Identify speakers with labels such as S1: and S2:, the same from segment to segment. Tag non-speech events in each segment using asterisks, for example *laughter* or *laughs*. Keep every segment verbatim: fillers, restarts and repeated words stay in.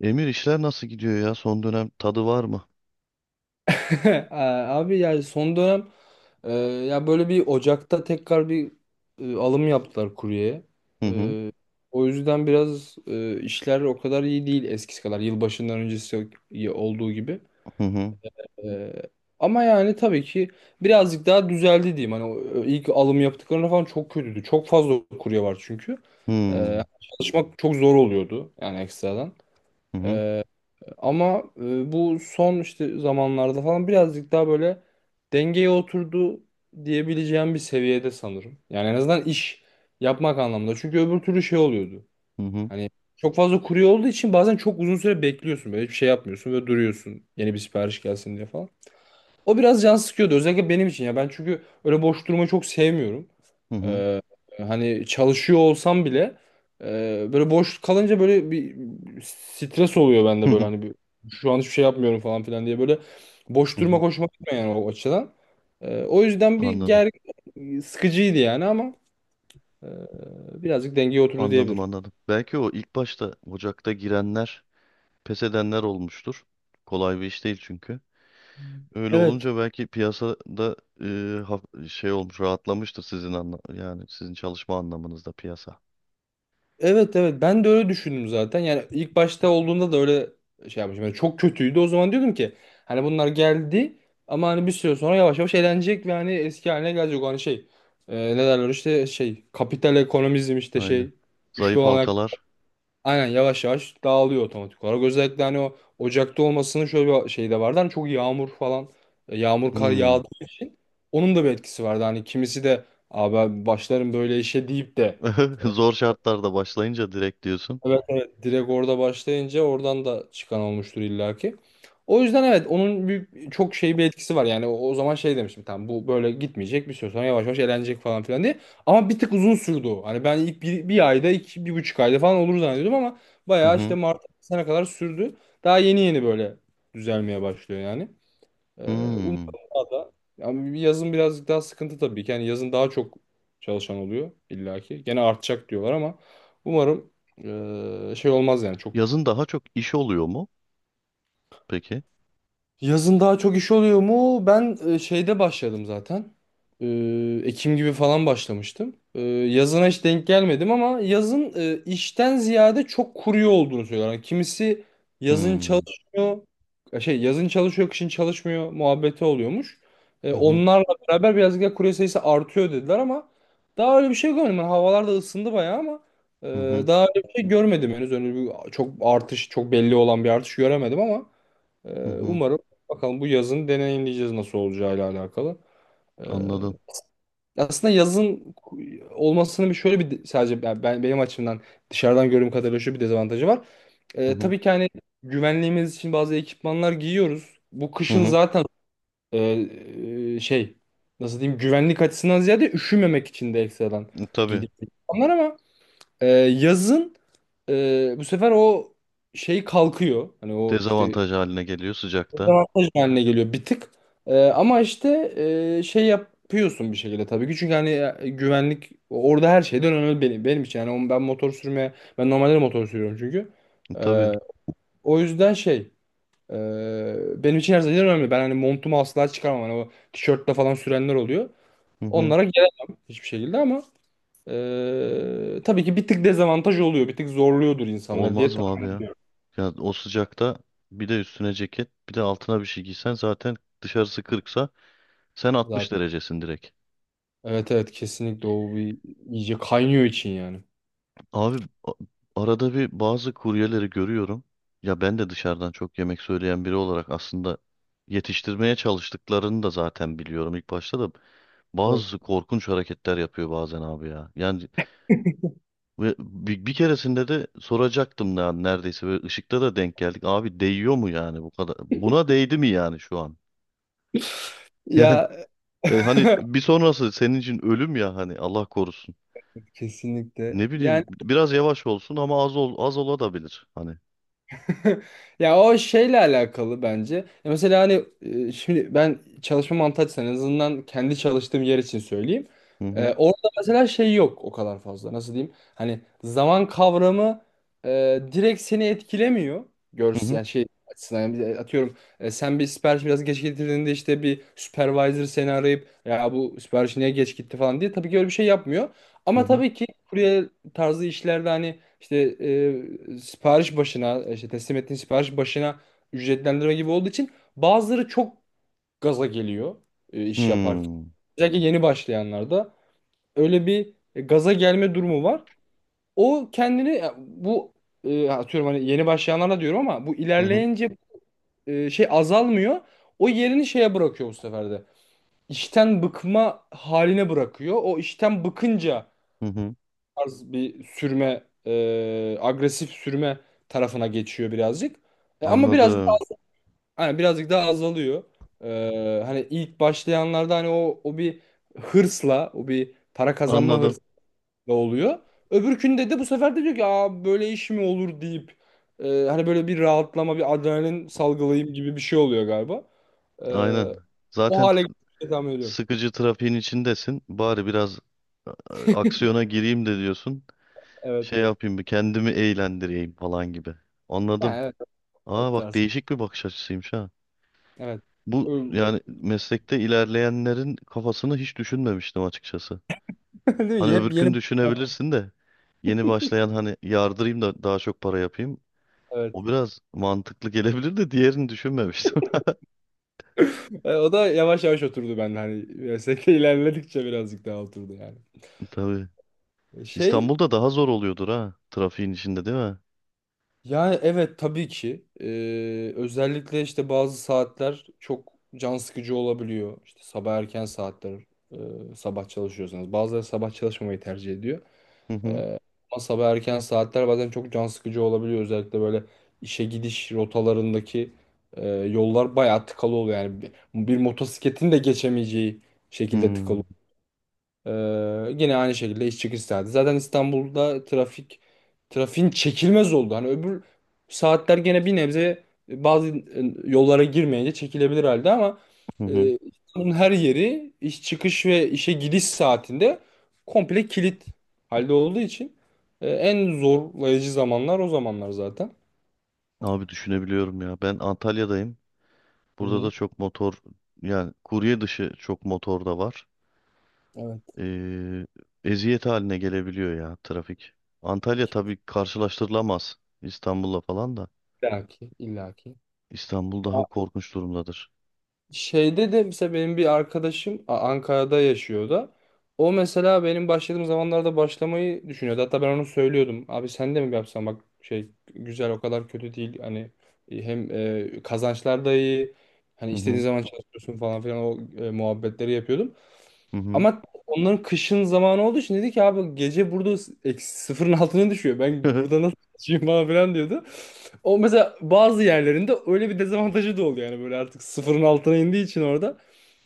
S1: Emir, işler nasıl gidiyor ya? Son dönem tadı var mı?
S2: *laughs* Abi yani son dönem e, ya böyle bir Ocak'ta tekrar bir e, alım yaptılar kuryeye.
S1: Hı hı,
S2: E, O yüzden biraz e, işler o kadar iyi değil eskisi kadar yılbaşından öncesi olduğu gibi.
S1: hı hı,
S2: E, Ama yani tabii ki birazcık daha düzeldi diyeyim. Hani o- e, ilk alım yaptıklarında falan çok kötüydü. Çok fazla kurye var çünkü. E,
S1: hı
S2: çalışmak çok zor oluyordu yani ekstradan.
S1: hı, hı
S2: E, Ama e, bu son işte zamanlarda falan birazcık daha böyle dengeye oturdu diyebileceğim bir seviyede sanırım. Yani en azından iş yapmak anlamında. Çünkü öbür türlü şey oluyordu.
S1: hı, hı
S2: Hani çok fazla kurye olduğu için bazen çok uzun süre bekliyorsun. Böyle hiçbir şey yapmıyorsun ve duruyorsun yeni bir sipariş gelsin diye falan. O biraz can sıkıyordu özellikle benim için ya. Ben çünkü öyle boş durmayı çok sevmiyorum.
S1: hı, hı
S2: Ee, Hani çalışıyor olsam bile e, böyle boş kalınca böyle bir stres oluyor
S1: hı,
S2: bende böyle
S1: hı,
S2: hani bir, şu an hiçbir şey yapmıyorum falan filan diye böyle boş
S1: hı
S2: durma
S1: hı.
S2: hoşuma gitmiyor yani o açıdan. Ee, o yüzden bir
S1: Anladım.
S2: ger sıkıcıydı yani ama e, birazcık dengeye oturdu
S1: Anladım,
S2: diyebilirim.
S1: anladım. Belki o ilk başta Ocak'ta girenler pes edenler olmuştur. Kolay bir iş değil çünkü. Öyle olunca belki piyasada e, haf- şey olmuş rahatlamıştır sizin anla yani sizin çalışma anlamınızda piyasa.
S2: Evet, evet, ben de öyle düşündüm zaten. Yani ilk başta olduğunda da öyle şey yapmışım. Yani çok kötüydü. O zaman diyordum ki hani bunlar geldi ama hani bir süre sonra yavaş yavaş eğlenecek ve hani eski haline gelecek. O hani şey e, ne derler işte şey kapital ekonomizm işte
S1: Aynen.
S2: şey güçlü
S1: Zayıf
S2: olarak
S1: halkalar.
S2: aynen yavaş yavaş dağılıyor otomatik olarak. Özellikle hani o Ocak'ta olmasının şöyle bir şey de vardı. Hani çok yağmur falan e, yağmur kar
S1: Hmm.
S2: yağdığı için onun da bir etkisi vardı. Hani kimisi de abi ben başlarım böyle işe deyip de
S1: *laughs*
S2: e,
S1: Zor şartlarda başlayınca direkt diyorsun.
S2: evet, evet, direkt orada başlayınca oradan da çıkan olmuştur illaki. O yüzden evet onun bir, çok şey bir etkisi var. Yani o, o zaman şey demiştim tamam bu böyle gitmeyecek bir süre sonra yavaş yavaş elenecek falan filan diye. Ama bir tık uzun sürdü o. Hani ben ilk bir, bir ayda iki, bir buçuk ayda falan olur zannediyordum ama
S1: Hı
S2: bayağı işte
S1: hı.
S2: Mart sene kadar sürdü. Daha yeni yeni böyle düzelmeye başlıyor yani. Ee, Umarım
S1: Hmm.
S2: daha da. Ama yazın birazcık daha sıkıntı tabii ki. Yani yazın daha çok çalışan oluyor illaki. Gene artacak diyorlar ama umarım eee, şey olmaz yani çok.
S1: Yazın daha çok iş oluyor mu? Peki.
S2: Yazın daha çok iş oluyor mu? Ben e, şeyde başladım zaten. Ee, Ekim gibi falan başlamıştım. Ee, yazına hiç denk gelmedim ama yazın e, işten ziyade çok kuruyor olduğunu söylüyorlar. Yani kimisi yazın
S1: Hmm.
S2: çalışmıyor, e, şey yazın çalışıyor, kışın çalışmıyor muhabbeti oluyormuş. Ee,
S1: Hı hı.
S2: onlarla beraber birazcık da kurye sayısı artıyor dediler ama daha öyle bir şey görmedim. Yani havalar da ısındı bayağı ama e,
S1: Hı hı.
S2: daha öyle bir şey görmedim henüz. Öyle bir çok artış, çok belli olan bir artış göremedim ama.
S1: Hı
S2: Ee,
S1: hı.
S2: Umarım bakalım bu yazın deneyimleyeceğiz nasıl olacağıyla alakalı. Ee,
S1: Anladım.
S2: Aslında yazın olmasının bir şöyle bir sadece ben, ben- benim açımdan dışarıdan gördüğüm kadarıyla şu bir dezavantajı var.
S1: Hı
S2: Ee,
S1: hı.
S2: tabii ki hani güvenliğimiz için bazı ekipmanlar giyiyoruz. Bu
S1: Hı
S2: kışın
S1: hı.
S2: zaten e, e, şey nasıl diyeyim güvenlik açısından ziyade üşümemek için de ekstradan
S1: E, Tabii.
S2: giydiğimiz ekipmanlar ama e, yazın e, bu sefer o şey kalkıyor. Hani o işte
S1: Dezavantaj haline geliyor sıcakta.
S2: dezavantaj haline geliyor bir tık. Ee, ama işte e, şey yapıyorsun bir şekilde tabii ki. Çünkü hani e, güvenlik orada her şeyden önemli benim, benim için. Yani o- ben motor sürmeye, ben normalde de motor sürüyorum çünkü.
S1: E,
S2: Ee,
S1: Tabii.
S2: O yüzden şey e, benim için her şeyden önemli. Ben hani montumu asla çıkarmam. Hani o tişörtle falan sürenler oluyor.
S1: Hı hı.
S2: Onlara gelemem hiçbir şekilde ama e, tabii ki bir tık dezavantaj oluyor. Bir tık zorluyordur insanlar diye
S1: Olmaz mı abi
S2: tahmin
S1: ya? Ya o sıcakta bir de üstüne ceket, bir de altına bir şey giysen zaten dışarısı kırksa sen altmış
S2: zaten.
S1: derecesin direkt.
S2: Evet, evet, kesinlikle o bir iyice kaynıyor için yani.
S1: Abi a- Arada bir bazı kuryeleri görüyorum. Ya ben de dışarıdan çok yemek söyleyen biri olarak aslında yetiştirmeye çalıştıklarını da zaten biliyorum ilk başta da bazı korkunç hareketler yapıyor bazen abi ya. Yani ve bir, bir keresinde de soracaktım ya neredeyse ve ışıkta da denk geldik. Abi değiyor mu yani bu kadar? Buna değdi mi yani şu an? *laughs*
S2: Ya
S1: Yani, e, hani
S2: *laughs*
S1: bir sonrası senin için ölüm ya hani Allah korusun.
S2: kesinlikle.
S1: Ne
S2: Yani
S1: bileyim biraz yavaş olsun ama az ol, az olabilir hani.
S2: *laughs* ya o şeyle alakalı bence. Ya mesela hani e, şimdi ben çalışma mantığı açısından en azından kendi çalıştığım yer için söyleyeyim.
S1: Hı
S2: E,
S1: hı.
S2: orada mesela şey yok o kadar fazla. Nasıl diyeyim? Hani zaman kavramı e, direkt seni etkilemiyor.
S1: Hı
S2: Görsel
S1: hı.
S2: yani şey açısından yani bir- atıyorum e, sen bir sipariş biraz geç getirdiğinde işte bir supervisor seni arayıp ya bu sipariş niye geç gitti falan diye tabii ki öyle bir şey yapmıyor.
S1: Hı
S2: Ama
S1: hı.
S2: tabii ki kurye tarzı işlerde hani İşte e, sipariş başına, işte teslim ettiğin sipariş başına ücretlendirme gibi olduğu için bazıları çok gaza geliyor e, iş yaparken.
S1: Hmm.
S2: Özellikle yeni başlayanlarda öyle bir e, gaza gelme durumu var. O kendini ya bu e, atıyorum hani yeni başlayanlara diyorum ama bu
S1: Hı hı.
S2: ilerleyince e, şey azalmıyor. O yerini şeye bırakıyor bu sefer de. İşten bıkma haline bırakıyor. O işten bıkınca
S1: Hı hı.
S2: tarz bir sürme, e, agresif sürme tarafına geçiyor birazcık. E, ama birazcık daha,
S1: Anladım.
S2: hani birazcık daha azalıyor. E, hani ilk başlayanlarda hani o o bir hırsla, o bir para kazanma
S1: Anladım.
S2: hırsla oluyor. Öbürkünde de bu sefer de diyor ki aa, böyle iş mi olur deyip e, hani böyle bir rahatlama, bir adrenalin salgılayayım gibi bir şey oluyor galiba. E,
S1: Aynen.
S2: O
S1: Zaten t-
S2: hale getirmeyi tahmin ediyorum.
S1: Sıkıcı trafiğin içindesin. Bari biraz e, aksiyona gireyim de diyorsun.
S2: Evet,
S1: Şey
S2: evet.
S1: yapayım, bir kendimi eğlendireyim falan gibi.
S2: Yani
S1: Anladım.
S2: evet o
S1: Aa bak,
S2: tarz.
S1: değişik bir bakış açısıymış ha.
S2: Evet.
S1: Bu
S2: Ö-
S1: yani meslekte ilerleyenlerin kafasını hiç düşünmemiştim açıkçası.
S2: *laughs* Değil
S1: Hani
S2: mi? Hep
S1: öbürkünü
S2: yeni.
S1: düşünebilirsin de yeni başlayan hani yardırayım da daha çok para yapayım.
S2: Evet.
S1: O biraz mantıklı gelebilir de diğerini düşünmemiştim.
S2: E, o da yavaş yavaş oturdu bende hani meslekte *laughs* ilerledikçe birazcık daha oturdu yani.
S1: Tabii.
S2: E, Şey
S1: İstanbul'da daha zor oluyordur ha. Trafiğin içinde değil mi?
S2: yani evet tabii ki E, özellikle işte bazı saatler çok can sıkıcı olabiliyor. İşte sabah erken saatler e, sabah çalışıyorsanız bazıları sabah çalışmamayı tercih ediyor.
S1: Hı hı.
S2: Ama sabah erken saatler bazen çok can sıkıcı olabiliyor özellikle böyle işe gidiş rotalarındaki e, yollar bayağı tıkalı oluyor yani bir, bir motosikletin de geçemeyeceği şekilde
S1: Hmm,
S2: tıkalı. Ee, Yine aynı şekilde iş çıkış saati. Zaten İstanbul'da trafik trafiğin çekilmez oldu. Hani öbür saatler gene bir nebze e, bazı e, yollara girmeyince çekilebilir halde ama
S1: hı hı.
S2: e, İstanbul'un her yeri iş çıkış ve işe gidiş saatinde komple kilit halde olduğu için e, en zorlayıcı zamanlar o zamanlar zaten.
S1: Abi düşünebiliyorum ya. Ben Antalya'dayım.
S2: Hı
S1: Burada da
S2: hı.
S1: çok motor, yani kurye dışı çok motor da var.
S2: Evet.
S1: Ee, Eziyet haline gelebiliyor ya trafik. Antalya tabii karşılaştırılamaz İstanbul'la falan da.
S2: İllaki, illaki.
S1: İstanbul daha korkunç durumdadır.
S2: Şeyde de mesela benim bir arkadaşım A- Ankara'da yaşıyor o da. O mesela benim başladığım zamanlarda başlamayı düşünüyordu. Hatta ben onu söylüyordum. Abi sen de mi yapsan bak şey güzel o kadar kötü değil. Hani e, hem e, kazançlar da iyi. Hani
S1: Hı
S2: istediğin
S1: hı.
S2: zaman çalışıyorsun falan filan o e, muhabbetleri yapıyordum.
S1: Hı hı.
S2: Ama onların kışın zamanı olduğu için dedi ki abi gece burada s- eksi sıfırın altına düşüyor. Ben burada
S1: *laughs*
S2: nasıl çalışayım falan filan diyordu. O mesela bazı yerlerinde öyle bir dezavantajı da oluyor. Yani böyle artık sıfırın altına indiği için orada.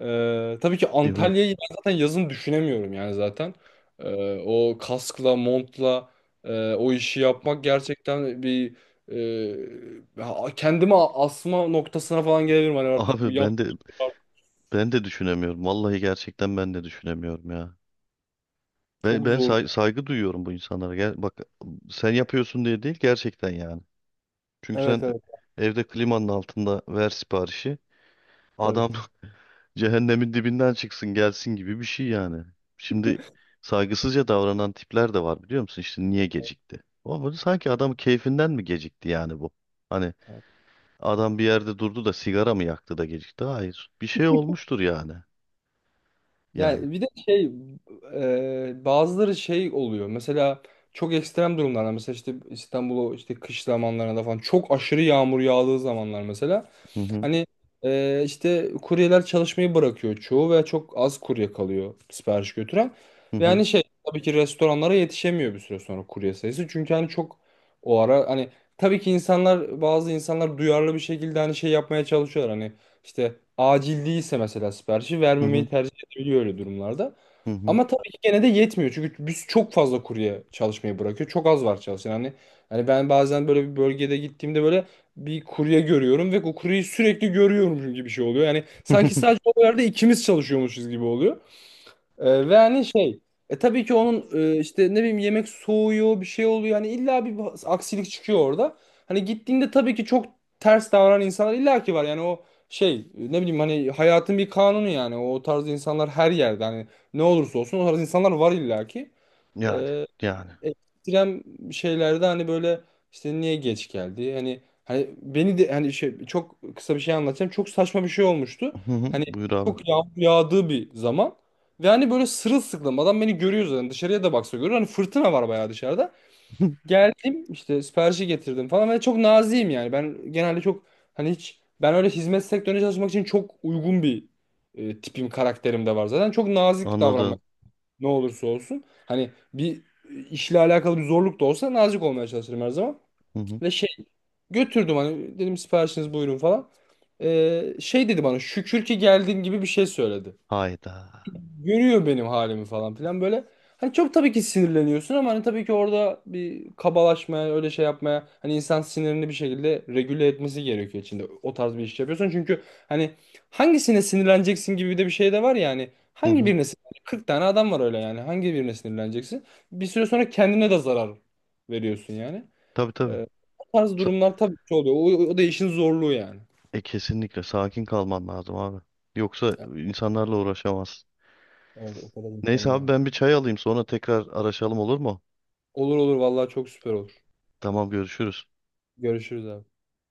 S2: Ee, tabii ki
S1: Değil mi?
S2: Antalya'yı ben zaten yazın düşünemiyorum yani zaten. Ee, o kaskla, montla e, o işi yapmak gerçekten bir e, ha- kendimi asma noktasına falan gelebilirim. Hani artık bu
S1: Abi
S2: yap
S1: ben de, ben de düşünemiyorum. Vallahi gerçekten ben de düşünemiyorum ya. Ben,
S2: çok
S1: ben
S2: zor.
S1: say- saygı duyuyorum bu insanlara. Gel, bak, sen yapıyorsun diye değil gerçekten yani. Çünkü
S2: Evet,
S1: sen
S2: evet,
S1: evde klimanın altında ver siparişi. Adam *laughs* cehennemin dibinden çıksın gelsin gibi bir şey yani. Şimdi saygısızca davranan tipler de var biliyor musun? İşte niye gecikti? O böyle sanki adam keyfinden mi gecikti yani bu? Hani
S2: tabii.
S1: adam bir yerde durdu da sigara mı yaktı da gecikti? Hayır. Bir şey olmuştur yani. Yani.
S2: Yani bir de şey e, bazıları şey oluyor. Mesela çok ekstrem durumlarda mesela işte İstanbul'u işte kış zamanlarında falan çok aşırı yağmur yağdığı zamanlar mesela.
S1: Hı hı.
S2: Hani e, işte kuryeler çalışmayı bırakıyor çoğu ve çok az kurye kalıyor sipariş götüren.
S1: Hı
S2: Ve
S1: hı.
S2: hani şey tabii ki restoranlara yetişemiyor bir süre sonra kurye sayısı. Çünkü hani çok o ara hani tabii ki insanlar bazı insanlar duyarlı bir şekilde hani şey yapmaya çalışıyorlar. Hani işte acil değilse mesela siparişi
S1: Hı hı.
S2: vermemeyi tercih edebiliyor öyle durumlarda.
S1: Hı hı.
S2: Ama tabii ki gene de yetmiyor. Çünkü biz çok fazla kurye çalışmayı bırakıyor. Çok az var çalışan. Hani, hani ben bazen böyle bir bölgede gittiğimde böyle bir kurye görüyorum ve o kuryeyi sürekli görüyormuşum gibi bir şey oluyor. Yani sanki sadece
S1: *laughs*
S2: o yerde ikimiz çalışıyormuşuz gibi oluyor. Ee, ve hani şey e, tabii ki onun e, işte ne bileyim yemek soğuyor bir şey oluyor. Yani illa bir aksilik çıkıyor orada. Hani gittiğinde tabii ki çok ters davranan insanlar illa ki var. Yani o şey e, ne bileyim hani hayatın bir kanunu yani o tarz insanlar her yerde hani ne olursa olsun o tarz insanlar var illa ki
S1: Yani. Yani.
S2: ekstrem şeylerde hani böyle işte niye geç geldi? Hani hani beni de hani şey çok kısa bir şey anlatacağım. Çok saçma bir şey olmuştu.
S1: Hı hı.
S2: Hani
S1: Buyur abi.
S2: çok yağmur yağdığı bir zaman ve hani böyle sırılsıklam adam beni görüyor zaten dışarıya da baksa görüyor. Hani fırtına var bayağı dışarıda.
S1: *laughs* Hı,
S2: Geldim işte siparişi getirdim falan ve çok naziyim yani. Ben genelde çok hani hiç ben öyle hizmet sektörüne çalışmak için çok uygun bir e, tipim karakterim de var zaten. Çok nazik davranmaya
S1: anladım.
S2: ne olursa olsun. Hani bir e, işle alakalı bir zorluk da olsa nazik olmaya çalışırım her zaman.
S1: Hı hı.
S2: Ve şey götürdüm hani dedim siparişiniz buyurun falan. Ee, şey dedi bana şükür ki geldin gibi bir şey söyledi
S1: Hayda.
S2: görüyor benim halimi falan filan böyle. Hani çok tabii ki sinirleniyorsun ama hani tabii ki orada bir kabalaşmaya, öyle şey yapmaya hani insan sinirini bir şekilde regüle etmesi gerekiyor içinde. O tarz bir iş yapıyorsun çünkü hani hangisine sinirleneceksin gibi de bir şey de var ya hani
S1: Hı
S2: hangi
S1: hı.
S2: birine sinirleneceksin? Kırk tane adam var öyle yani. Hangi birine sinirleneceksin? Bir süre sonra kendine de zarar veriyorsun yani.
S1: Tabii, tabii.
S2: Ee, O tarz
S1: Sa-
S2: durumlar tabii ki oluyor. O, o da işin zorluğu yani.
S1: e, Kesinlikle sakin kalman lazım abi. Yoksa insanlarla uğraşamazsın.
S2: Evet, o kadar
S1: Neyse
S2: insanla
S1: abi,
S2: yani.
S1: ben bir çay alayım sonra tekrar araşalım olur mu?
S2: Olur, olur, vallahi çok süper olur.
S1: Tamam, görüşürüz.
S2: Görüşürüz abi.